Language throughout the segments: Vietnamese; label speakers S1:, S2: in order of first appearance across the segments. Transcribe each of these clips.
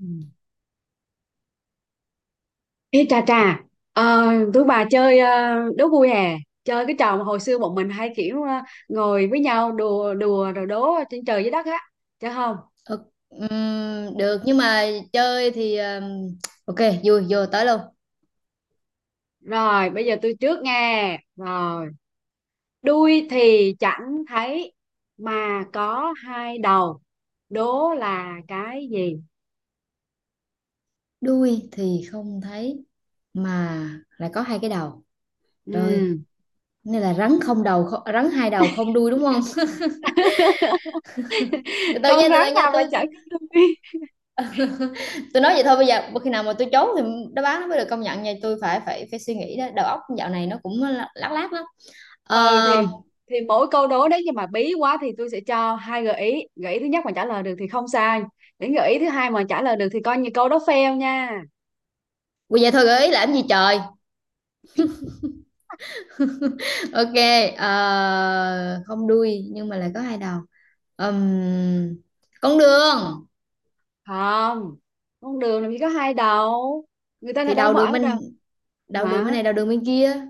S1: Ừ. Ê trà trà, ờ, tụi bà chơi đố vui hè, chơi cái trò mà hồi xưa bọn mình hay kiểu ngồi với nhau đùa đùa rồi đố trên trời dưới đất á, chứ không?
S2: Ờ, được nhưng mà chơi thì ok, vui vô tới luôn.
S1: Rồi, bây giờ tôi trước nghe. Rồi, đuôi thì chẳng thấy mà có hai đầu, đố là cái gì?
S2: Đuôi thì không thấy mà lại có hai cái đầu rồi,
S1: Ừ.
S2: nên là rắn không đầu không, rắn hai đầu không đuôi đúng không? Từ từ nha,
S1: Con
S2: từ
S1: rắn
S2: từ nha,
S1: nào mà
S2: tôi
S1: chẳng
S2: tôi
S1: có đuôi?
S2: tôi nói vậy thôi, bây giờ khi nào mà tôi trốn thì đáp án nó mới được công nhận nha, tôi phải phải phải suy nghĩ. Đó, đầu óc dạo này nó cũng lác lác lắm.
S1: Ừ
S2: ờ
S1: thì mỗi câu đố đấy nhưng mà bí quá thì tôi sẽ cho hai gợi ý, gợi ý thứ nhất mà trả lời được thì không sai, đến gợi ý thứ hai mà trả lời được thì coi như câu đó fail nha.
S2: vậy thôi gợi ý làm gì trời. Ok. Không đuôi nhưng mà lại có hai đầu. Ừm, con đường.
S1: Không, con đường làm gì có hai đầu, người ta đã
S2: Thì
S1: đã bỏ đâu.
S2: đầu đường bên
S1: Hả?
S2: này, đầu đường bên kia.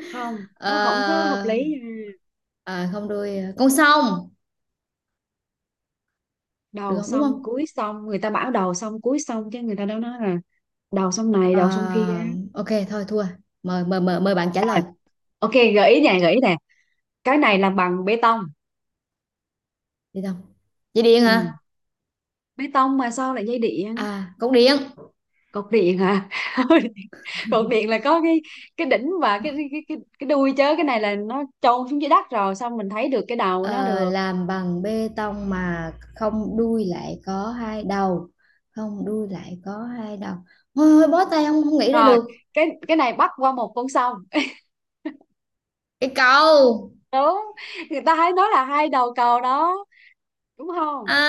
S1: Không,
S2: Ờ,
S1: nó không có hợp lý nha.
S2: Không đuôi, con sông được
S1: Đầu
S2: không, đúng
S1: xong
S2: không?
S1: cuối xong, người ta bảo đầu xong cuối xong chứ người ta đâu nói là đầu xong này
S2: Ờ,
S1: đầu xong kia.
S2: ok thôi thua, mời mời bạn trả
S1: Rồi,
S2: lời.
S1: ok gợi ý nè gợi ý nè, cái này làm bằng bê tông.
S2: Đi không? Dây điện
S1: Ừ.
S2: hả?
S1: Bê tông mà sao lại dây điện.
S2: À, cột điện.
S1: Cột điện hả? cột điện là có cái đỉnh và cái đuôi chớ, cái này là nó chôn xuống dưới đất rồi xong mình thấy được cái đầu nó
S2: Ờ,
S1: được.
S2: làm bằng bê tông mà không đuôi lại có hai đầu, không đuôi lại có hai đầu, thôi thôi bó tay, không không nghĩ ra
S1: Rồi,
S2: được.
S1: cái này bắc qua một con sông.
S2: Cái cầu.
S1: đúng, người ta hay nói là hai đầu cầu đó, đúng không?
S2: À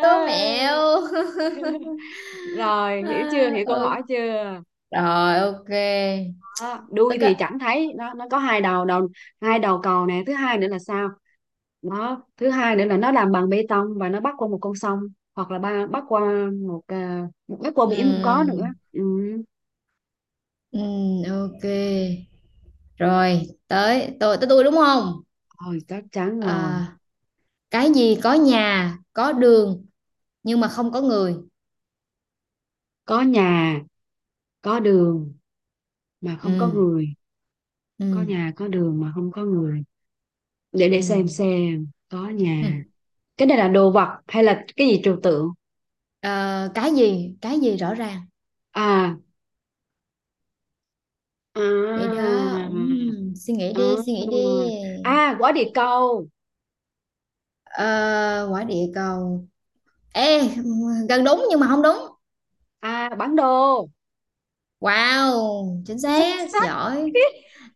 S2: đố mẹo.
S1: rồi, hiểu chưa,
S2: À,
S1: hiểu câu hỏi
S2: ok.
S1: chưa?
S2: Rồi ok.
S1: Đó, đuôi
S2: Tức
S1: thì
S2: á.
S1: chẳng thấy, nó có hai đầu, đầu hai đầu cầu nè. Thứ hai nữa là sao, đó thứ hai nữa là nó làm bằng bê tông và nó bắc qua một con sông, hoặc là ba bắc qua một một bắc qua biển cũng có nữa.
S2: Ừm,
S1: Ừ.
S2: ok. Rồi, tới tôi đúng không?
S1: Rồi, chắc chắn rồi.
S2: À, cái gì có nhà, có đường nhưng mà không có người.
S1: Có nhà, có đường mà không có
S2: Ừm,
S1: người. Có
S2: ừm,
S1: nhà có đường mà không có người, để xem
S2: ừm,
S1: xem có nhà.
S2: ừm.
S1: Cái này là đồ vật hay là cái gì trừu tượng?
S2: Ờ, cái gì? Cái gì rõ ràng.
S1: à à,
S2: Vậy đó. Suy nghĩ đi, suy nghĩ đi.
S1: À, quả địa cầu.
S2: Ờ, quả địa cầu. Ê, gần đúng nhưng mà không đúng.
S1: À, bản đồ.
S2: Wow, chính
S1: Xuất
S2: xác,
S1: sắc.
S2: giỏi.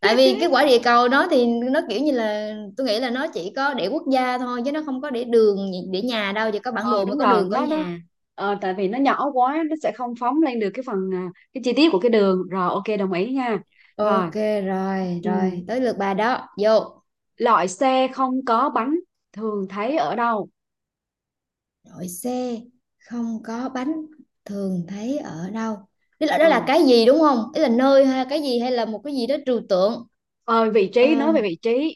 S2: Tại vì cái quả địa cầu đó thì nó kiểu như là tôi nghĩ là nó chỉ có để quốc gia thôi, chứ nó không có để đường, để nhà đâu, chỉ có bản
S1: ờ
S2: đồ mới
S1: đúng
S2: có
S1: rồi,
S2: đường, có
S1: nó
S2: nhà.
S1: ờ, tại vì nó nhỏ quá nó sẽ không phóng lên được cái phần cái chi tiết của cái đường. Rồi ok đồng ý nha. Rồi.
S2: Ok, rồi
S1: Ừ.
S2: rồi tới lượt bà đó vô.
S1: Loại xe không có bánh thường thấy ở đâu?
S2: Đội xe không có bánh thường thấy ở đâu? Tức là đó là
S1: Ừ.
S2: cái gì, đúng không, ý là nơi hay cái gì hay là một cái gì đó trừu tượng?
S1: Ờ, vị trí,
S2: Ờ,
S1: nói về vị trí.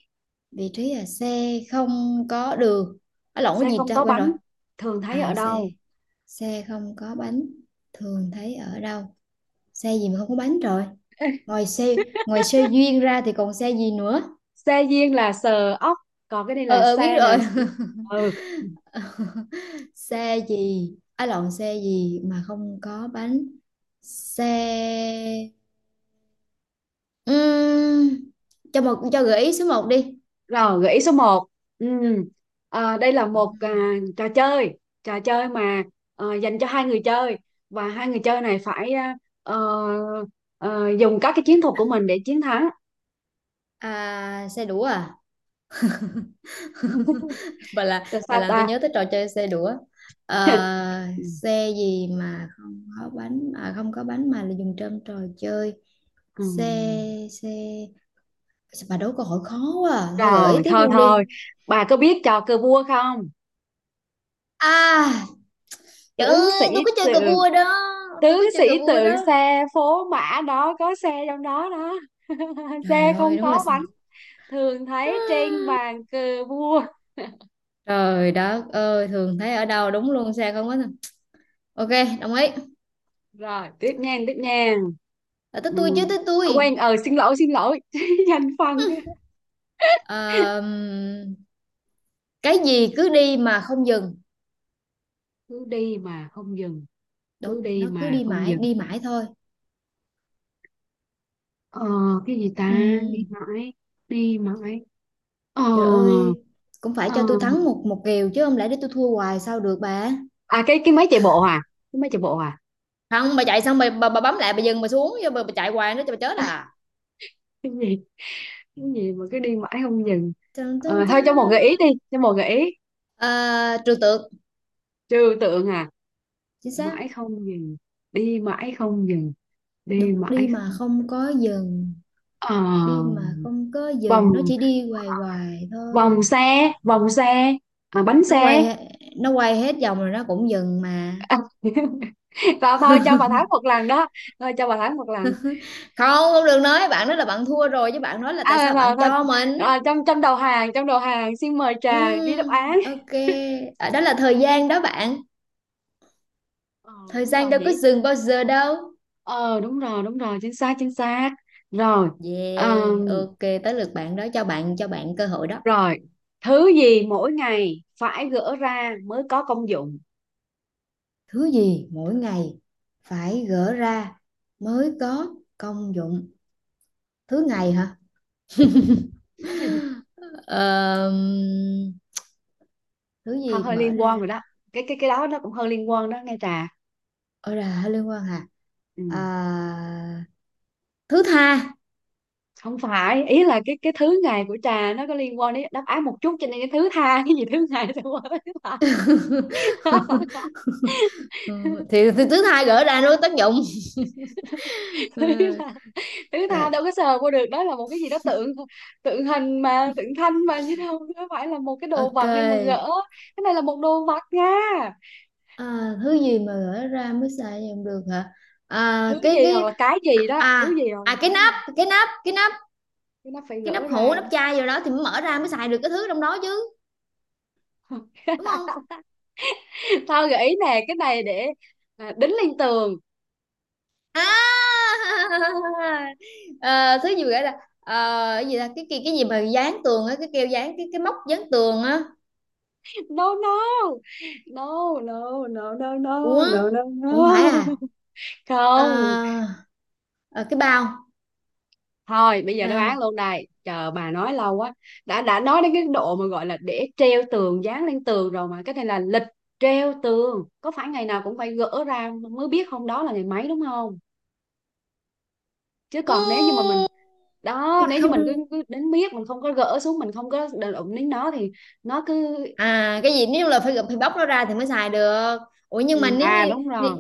S2: vị trí là xe không có đường. À, lộn, cái
S1: Xe
S2: gì
S1: không
S2: ta,
S1: có
S2: quên rồi.
S1: bánh thường thấy ở
S2: À xe,
S1: đâu.
S2: xe không có bánh thường thấy ở đâu, xe gì mà không có bánh rồi, ngoài xe ngoài xe duyên ra thì còn xe gì nữa?
S1: Xe duyên là sờ ốc, còn cái này
S2: Ờ
S1: là
S2: ờ biết
S1: xe nè.
S2: rồi.
S1: Ừ.
S2: Xe gì á, lộn, xe gì mà không có bánh? Xe. Ừm, cho một, cho gợi ý số một đi.
S1: Rồi gợi ý số một, ừ. Đây là một à, trò chơi, trò chơi mà ờ, dành cho hai người chơi và hai người chơi này phải ờ, ờ, dùng các cái chiến thuật của mình để chiến thắng.
S2: À, xe đũa à? bà là
S1: là
S2: bà
S1: sao
S2: làm tôi
S1: ta.
S2: nhớ tới trò chơi xe đũa. Ờ, xe gì mà không có bánh, à, không có bánh mà là dùng trong trò chơi.
S1: Ừ.
S2: Xe xe Sao Bà đố câu hỏi khó quá à. Thôi gợi ý
S1: Rồi
S2: tiếp
S1: thôi
S2: luôn đi.
S1: thôi, bà có biết trò cờ vua không?
S2: À, trời
S1: Tướng sĩ
S2: ơi tôi có chơi cờ
S1: tượng,
S2: vua đó. Tôi
S1: tướng
S2: có
S1: sĩ
S2: chơi cờ vua
S1: tượng
S2: đó.
S1: xe phố mã đó, có xe trong đó đó.
S2: Trời
S1: xe
S2: ơi
S1: không
S2: đúng là,
S1: có bánh thường thấy trên bàn cờ vua.
S2: trời đất ơi, thường thấy ở đâu đúng luôn, sao không có nè. Ok đồng ý.
S1: Rồi tiếp nha tiếp nha.
S2: Là tới
S1: Ừ.
S2: tôi chứ, tới tôi.
S1: Quên, xin lỗi xin lỗi, danh phân.
S2: Ờ, cái gì cứ đi mà không dừng.
S1: Cứ đi mà không dừng.
S2: Đúng,
S1: Cứ đi
S2: nó cứ
S1: mà không dừng.
S2: đi mãi thôi.
S1: ờ cái gì ta. Đi
S2: Ừm,
S1: mãi, đi mãi. ờ
S2: Trời ơi, cũng phải
S1: ờ
S2: cho tôi thắng một, một kèo chứ, không lẽ để tôi thua hoài sao được bà.
S1: À, cái máy chạy bộ à, cái máy chạy bộ à.
S2: Không, bà chạy xong bà bấm lại, bà dừng bà xuống chứ, bà chạy hoài nữa cho bà chết à.
S1: cái gì mà cứ đi mãi không dừng?
S2: Tần
S1: Ờ,
S2: tần tần.
S1: thôi cho một gợi ý đi, cho một gợi ý.
S2: À, trừu tượng,
S1: Trừu tượng à?
S2: chính xác,
S1: Mãi không dừng, đi mãi không dừng, đi
S2: đúng,
S1: mãi
S2: đi mà
S1: không.
S2: không có dừng,
S1: ờ,
S2: đi mà không có
S1: Vòng,
S2: dừng, nó chỉ đi hoài hoài
S1: vòng
S2: thôi.
S1: xe, vòng xe. À, bánh
S2: nó quay
S1: xe.
S2: he- nó quay hết vòng rồi nó cũng dừng mà.
S1: À, thôi thôi cho bà Thái một lần đó, thôi cho bà Thái một lần.
S2: Không không được, nói bạn nói là bạn thua rồi chứ, bạn nói là tại
S1: À,
S2: sao bạn
S1: thôi, thôi.
S2: cho mình.
S1: À, trong trong đầu hàng, trong đầu hàng xin mời trà ghi đáp án.
S2: Ok, à, đó là thời gian đó bạn,
S1: Ờ
S2: thời
S1: đúng
S2: gian
S1: rồi
S2: đâu có
S1: nhỉ.
S2: dừng bao giờ đâu.
S1: Ờ đúng rồi đúng rồi, chính xác chính xác. Rồi. Ờ,
S2: Yeah ok, tới lượt bạn đó, cho bạn, cho bạn cơ hội đó.
S1: rồi, thứ gì mỗi ngày phải gỡ ra mới có công dụng?
S2: Thứ gì mỗi ngày phải gỡ ra mới có công dụng? Thứ ngày hả? Ờm, Thứ
S1: Hơi
S2: gì
S1: hơi
S2: mở
S1: liên quan rồi
S2: ra?
S1: đó. Cái cái đó nó cũng hơi liên quan đó nghe Trà.
S2: Ôi là liên quan hả? À,
S1: Ừ.
S2: thứ tha.
S1: Không phải, ý là cái thứ ngày của Trà nó có liên quan đến đáp án một chút cho nên cái thứ tha, cái gì thứ ngày thì qua thứ tha.
S2: Ừ, thì, thì thứ tha gỡ ra nó có tác dụng.
S1: Thứ
S2: Ừ.
S1: là thứ tha
S2: Ờ,
S1: đâu có sờ qua được, đó là một cái gì đó tượng, tượng hình mà tượng thanh mà chứ đâu có phải là một cái đồ
S2: ok,
S1: vật đi mà gỡ. Cái này là một đồ vật nha.
S2: à, thứ gì mà gỡ ra mới xài dùng được hả? À,
S1: Thứ gì hoặc
S2: cái
S1: là cái gì đó, thứ
S2: À
S1: gì hoặc là
S2: à, cái
S1: cái
S2: nắp
S1: gì.
S2: cái nắp cái nắp,
S1: Cái nó phải
S2: cái nắp
S1: gỡ
S2: hũ,
S1: ra.
S2: nắp chai gì đó thì mới mở ra mới xài được cái thứ trong đó chứ, đúng không?
S1: tao gợi ý nè, cái này để đính lên tường.
S2: À. Ờ, thứ gì gọi là ờ, cái gì là cái gì mà dán tường á, cái keo dán, cái móc dán tường á?
S1: No no no no no no no
S2: Ủa,
S1: no no
S2: ủa không phải
S1: no.
S2: à? Ờ,
S1: Không,
S2: ờ, cái bao.
S1: thôi bây giờ đáp
S2: À,
S1: án luôn, đây chờ bà nói lâu quá. Đã nói đến cái độ mà gọi là để treo tường, dán lên tường rồi, mà cái này là lịch treo tường, có phải ngày nào cũng phải gỡ ra mới biết hôm đó là ngày mấy, đúng không? Chứ còn nếu
S2: ừ,
S1: như mà mình, đó nếu như
S2: không
S1: mình cứ,
S2: được.
S1: cứ đến biết mình không có gỡ xuống, mình không có đụng đến nó thì nó cứ.
S2: À cái gì nếu là phải phải bóc nó ra thì mới xài được? Ủa
S1: Ừ,
S2: nhưng mà nếu
S1: à
S2: như,
S1: đúng
S2: nếu,
S1: rồi.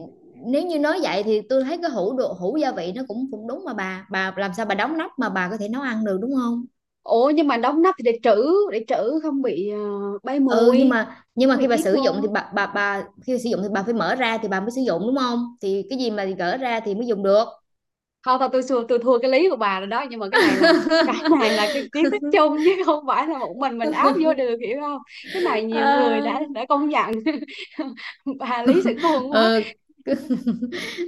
S2: nếu như nói vậy thì tôi thấy cái hũ đồ, hũ gia vị nó cũng cũng đúng mà bà làm sao bà đóng nắp mà bà có thể nấu ăn được, đúng không?
S1: Ủa nhưng mà đóng nắp thì để trữ, để trữ không bị ờ, bay
S2: Ừ nhưng
S1: mùi,
S2: mà,
S1: không
S2: khi
S1: bị
S2: bà
S1: kiến
S2: sử dụng
S1: vô.
S2: thì bà khi bà sử dụng thì bà phải mở ra thì bà mới sử dụng, đúng không, thì cái gì mà gỡ ra thì mới dùng được.
S1: Thôi thôi tôi xua, tôi thua cái lý của bà rồi đó, nhưng mà cái này là, cái này là cái kiến thức chung chứ không phải là một mình áp vô được, hiểu không? Cái này nhiều người
S2: à,
S1: đã công nhận. bà lý sự khôn quá.
S2: ờ,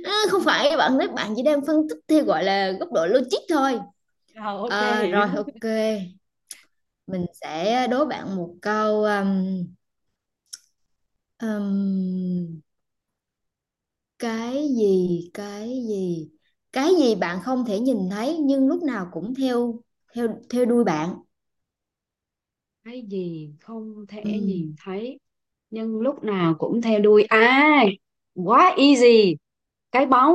S2: Không phải bạn nói, bạn chỉ đang phân tích theo gọi là góc độ logic thôi.
S1: Rồi ok.
S2: À, rồi ok, mình sẽ đố bạn một câu. Um, cái gì, cái gì bạn không thể nhìn thấy nhưng lúc nào cũng theo theo theo đuôi bạn?
S1: Cái gì không
S2: Ừ.
S1: thể nhìn thấy nhưng lúc nào cũng theo đuôi à? Quá easy, cái bóng.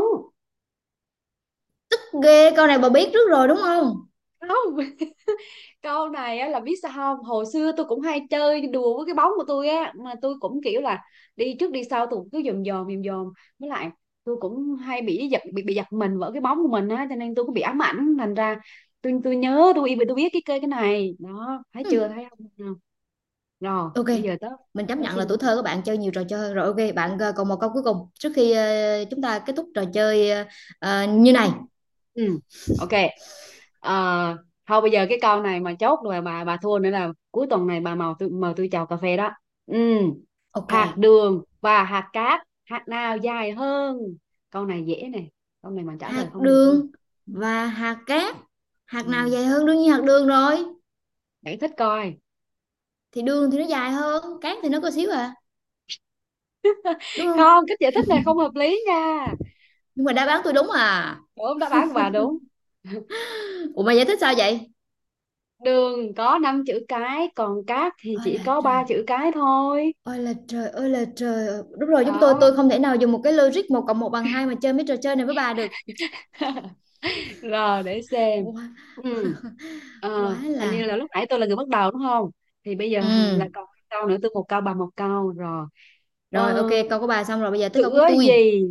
S2: Ghê, câu này bà biết trước rồi đúng không?
S1: Không, câu này á, là biết sao không, hồi xưa tôi cũng hay chơi đùa với cái bóng của tôi á, mà tôi cũng kiểu là đi trước đi sau, tôi cũng cứ dòm dòm dòm dòm, với lại tôi cũng hay bị giật, bị giật mình vỡ cái bóng của mình á, cho nên tôi cũng bị ám ảnh thành ra tôi nhớ, tôi biết cái cây cái này đó, thấy
S2: Hừm,
S1: chưa thấy không. Rồi
S2: ok,
S1: bây giờ tới,
S2: mình chấp
S1: tới
S2: nhận là
S1: phiên
S2: tuổi
S1: tôi.
S2: thơ của bạn chơi nhiều trò chơi hơn. Rồi ok, bạn ờ, còn một câu cuối cùng trước khi ờ, chúng ta kết thúc trò chơi ờ, ờ, như này.
S1: Ừ. Ok. Ờ, thôi bây giờ cái câu này mà chốt rồi bà thua nữa là cuối tuần này bà mời tôi, mời tôi chào cà phê đó. Ừ.
S2: Ok,
S1: Hạt đường và hạt cát, hạt nào dài hơn? Câu này dễ nè, câu này mà trả
S2: hạt
S1: lời không được nữa.
S2: đường và hạt cát. Hạt
S1: Ừ.
S2: nào dài hơn? Đương nhiên hạt đường rồi.
S1: Giải thích coi.
S2: Thì đường thì nó dài hơn, cát thì nó có xíu à, đúng
S1: Không,
S2: không?
S1: cách giải thích này không hợp lý nha.
S2: Nhưng mà đáp án tôi đúng à.
S1: Đúng, đáp án của bà đúng.
S2: Ủa mày giải thích sao vậy?
S1: đường có 5 chữ cái còn cát thì
S2: Ôi
S1: chỉ
S2: là
S1: có
S2: trời.
S1: ba chữ cái thôi.
S2: Ôi là trời, ôi là trời. Đúng rồi, chúng tôi
S1: Đó.
S2: tôi không thể nào dùng một cái logic một cộng một bằng hai mà chơi mấy trò chơi này với bà được.
S1: rồi để xem.
S2: Ủa,
S1: Ừ.
S2: quá
S1: Ờ, hình như
S2: là,
S1: là lúc nãy tôi là người bắt đầu đúng không? Thì bây giờ hằng
S2: ừ
S1: là còn hai câu nữa, tôi một câu bà một câu rồi. Ờ,
S2: rồi ok, câu của bà xong rồi, bây giờ tới câu của
S1: sữa
S2: tôi.
S1: gì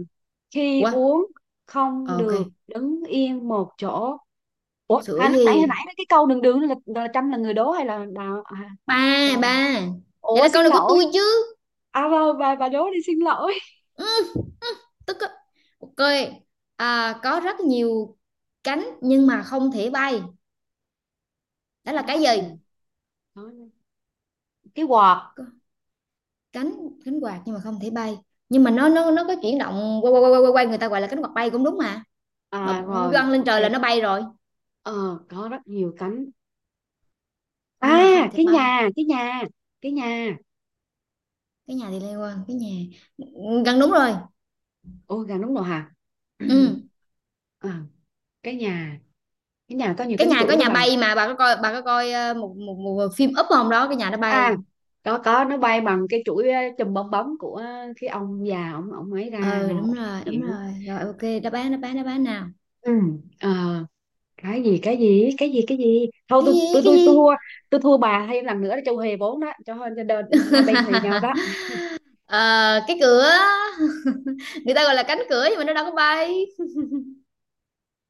S1: khi
S2: Quá
S1: uống không
S2: ok.
S1: được đứng yên một chỗ? Ủa,
S2: Sữa
S1: lúc nãy hồi nãy
S2: gì?
S1: cái câu đường đường là Trâm là người đố hay là đào à,
S2: Ba ba,
S1: Trâm?
S2: vậy
S1: Ủa
S2: là câu
S1: xin
S2: này của
S1: lỗi.
S2: tôi chứ.
S1: À vâng, bà đố đi, xin lỗi.
S2: Ừ, tức á. Ok, à, có rất nhiều cánh nhưng mà không thể bay, đó là
S1: Có
S2: cái gì?
S1: rất nhiều. Có cái quạt.
S2: Có cánh, cánh quạt nhưng mà không thể bay, nhưng mà nó nó có chuyển động quay quay quay quay quay người ta gọi là cánh quạt bay cũng đúng mà, mà
S1: À rồi,
S2: văng lên
S1: ok.
S2: trời là nó bay rồi.
S1: Ờ, có rất nhiều cánh, à
S2: Nhưng mà không thể
S1: cái
S2: bay.
S1: nhà cái nhà, cái nhà.
S2: Cái nhà thì liên quan, cái nhà gần đúng rồi.
S1: Ôi gà nướng nồi hả.
S2: Ừ,
S1: à, cái nhà, cái nhà có nhiều
S2: cái
S1: cánh
S2: nhà có
S1: cửa đó
S2: nhà
S1: bà.
S2: bay mà, bà có coi, bà có coi ờ, một một, một phim Up không đó, cái nhà nó bay.
S1: À có, nó bay bằng cái chuỗi ờ, chùm bong bóng của cái ông già, ông ấy ra.
S2: Ờ
S1: Rồi
S2: đúng
S1: ok,
S2: rồi, đúng
S1: hiểu.
S2: rồi rồi ok, đáp án đáp án nào?
S1: Ừ. Ờ, cái gì thôi
S2: cái gì cái
S1: tôi
S2: gì
S1: thua. Tôi thua bà thêm lần nữa để cho huề vốn đó, cho hai cho đôi- hai bên huề nhau đó.
S2: Ờ, cái cửa, người ta gọi là cánh cửa nhưng mà nó đâu có bay.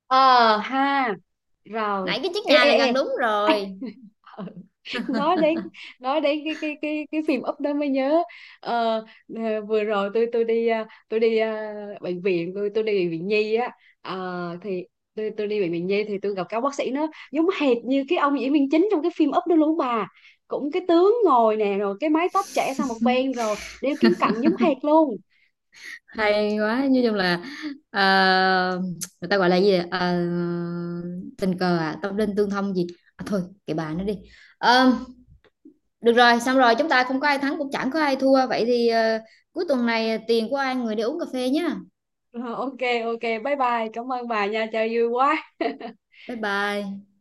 S1: Ờ ha. Rồi.
S2: Nãy cái chiếc
S1: Ê
S2: nhà
S1: ê
S2: là
S1: ê.
S2: gần đúng rồi.
S1: Ờ, nói đến, nói đến cái phim Up đó mới nhớ. Ờ, ờ, vừa rồi tôi đi à, tôi đi à, bệnh viện, tôi đi bệnh viện nhi á. Ờ, thì tôi đi bệnh viện nhi thì tôi gặp các bác sĩ nó giống hệt như cái ông diễn viên chính trong cái phim Up đó luôn bà, cũng cái tướng ngồi nè rồi cái mái tóc chảy sang một bên rồi đeo kính cận giống hệt luôn.
S2: Hay quá, nói chung là ờ, người ta gọi là gì vậy? Ờ, tình cờ à, tâm linh tương thông gì. À, thôi kệ bà nó đi. Ờ, được rồi, xong rồi chúng ta không có ai thắng cũng chẳng có ai thua. Vậy thì ờ, cuối tuần này ờ, tiền của ai người đi uống cà phê nhá.
S1: Ờ, ok, ok bye bye cảm ơn bà nha, chơi vui quá.
S2: Bye bye.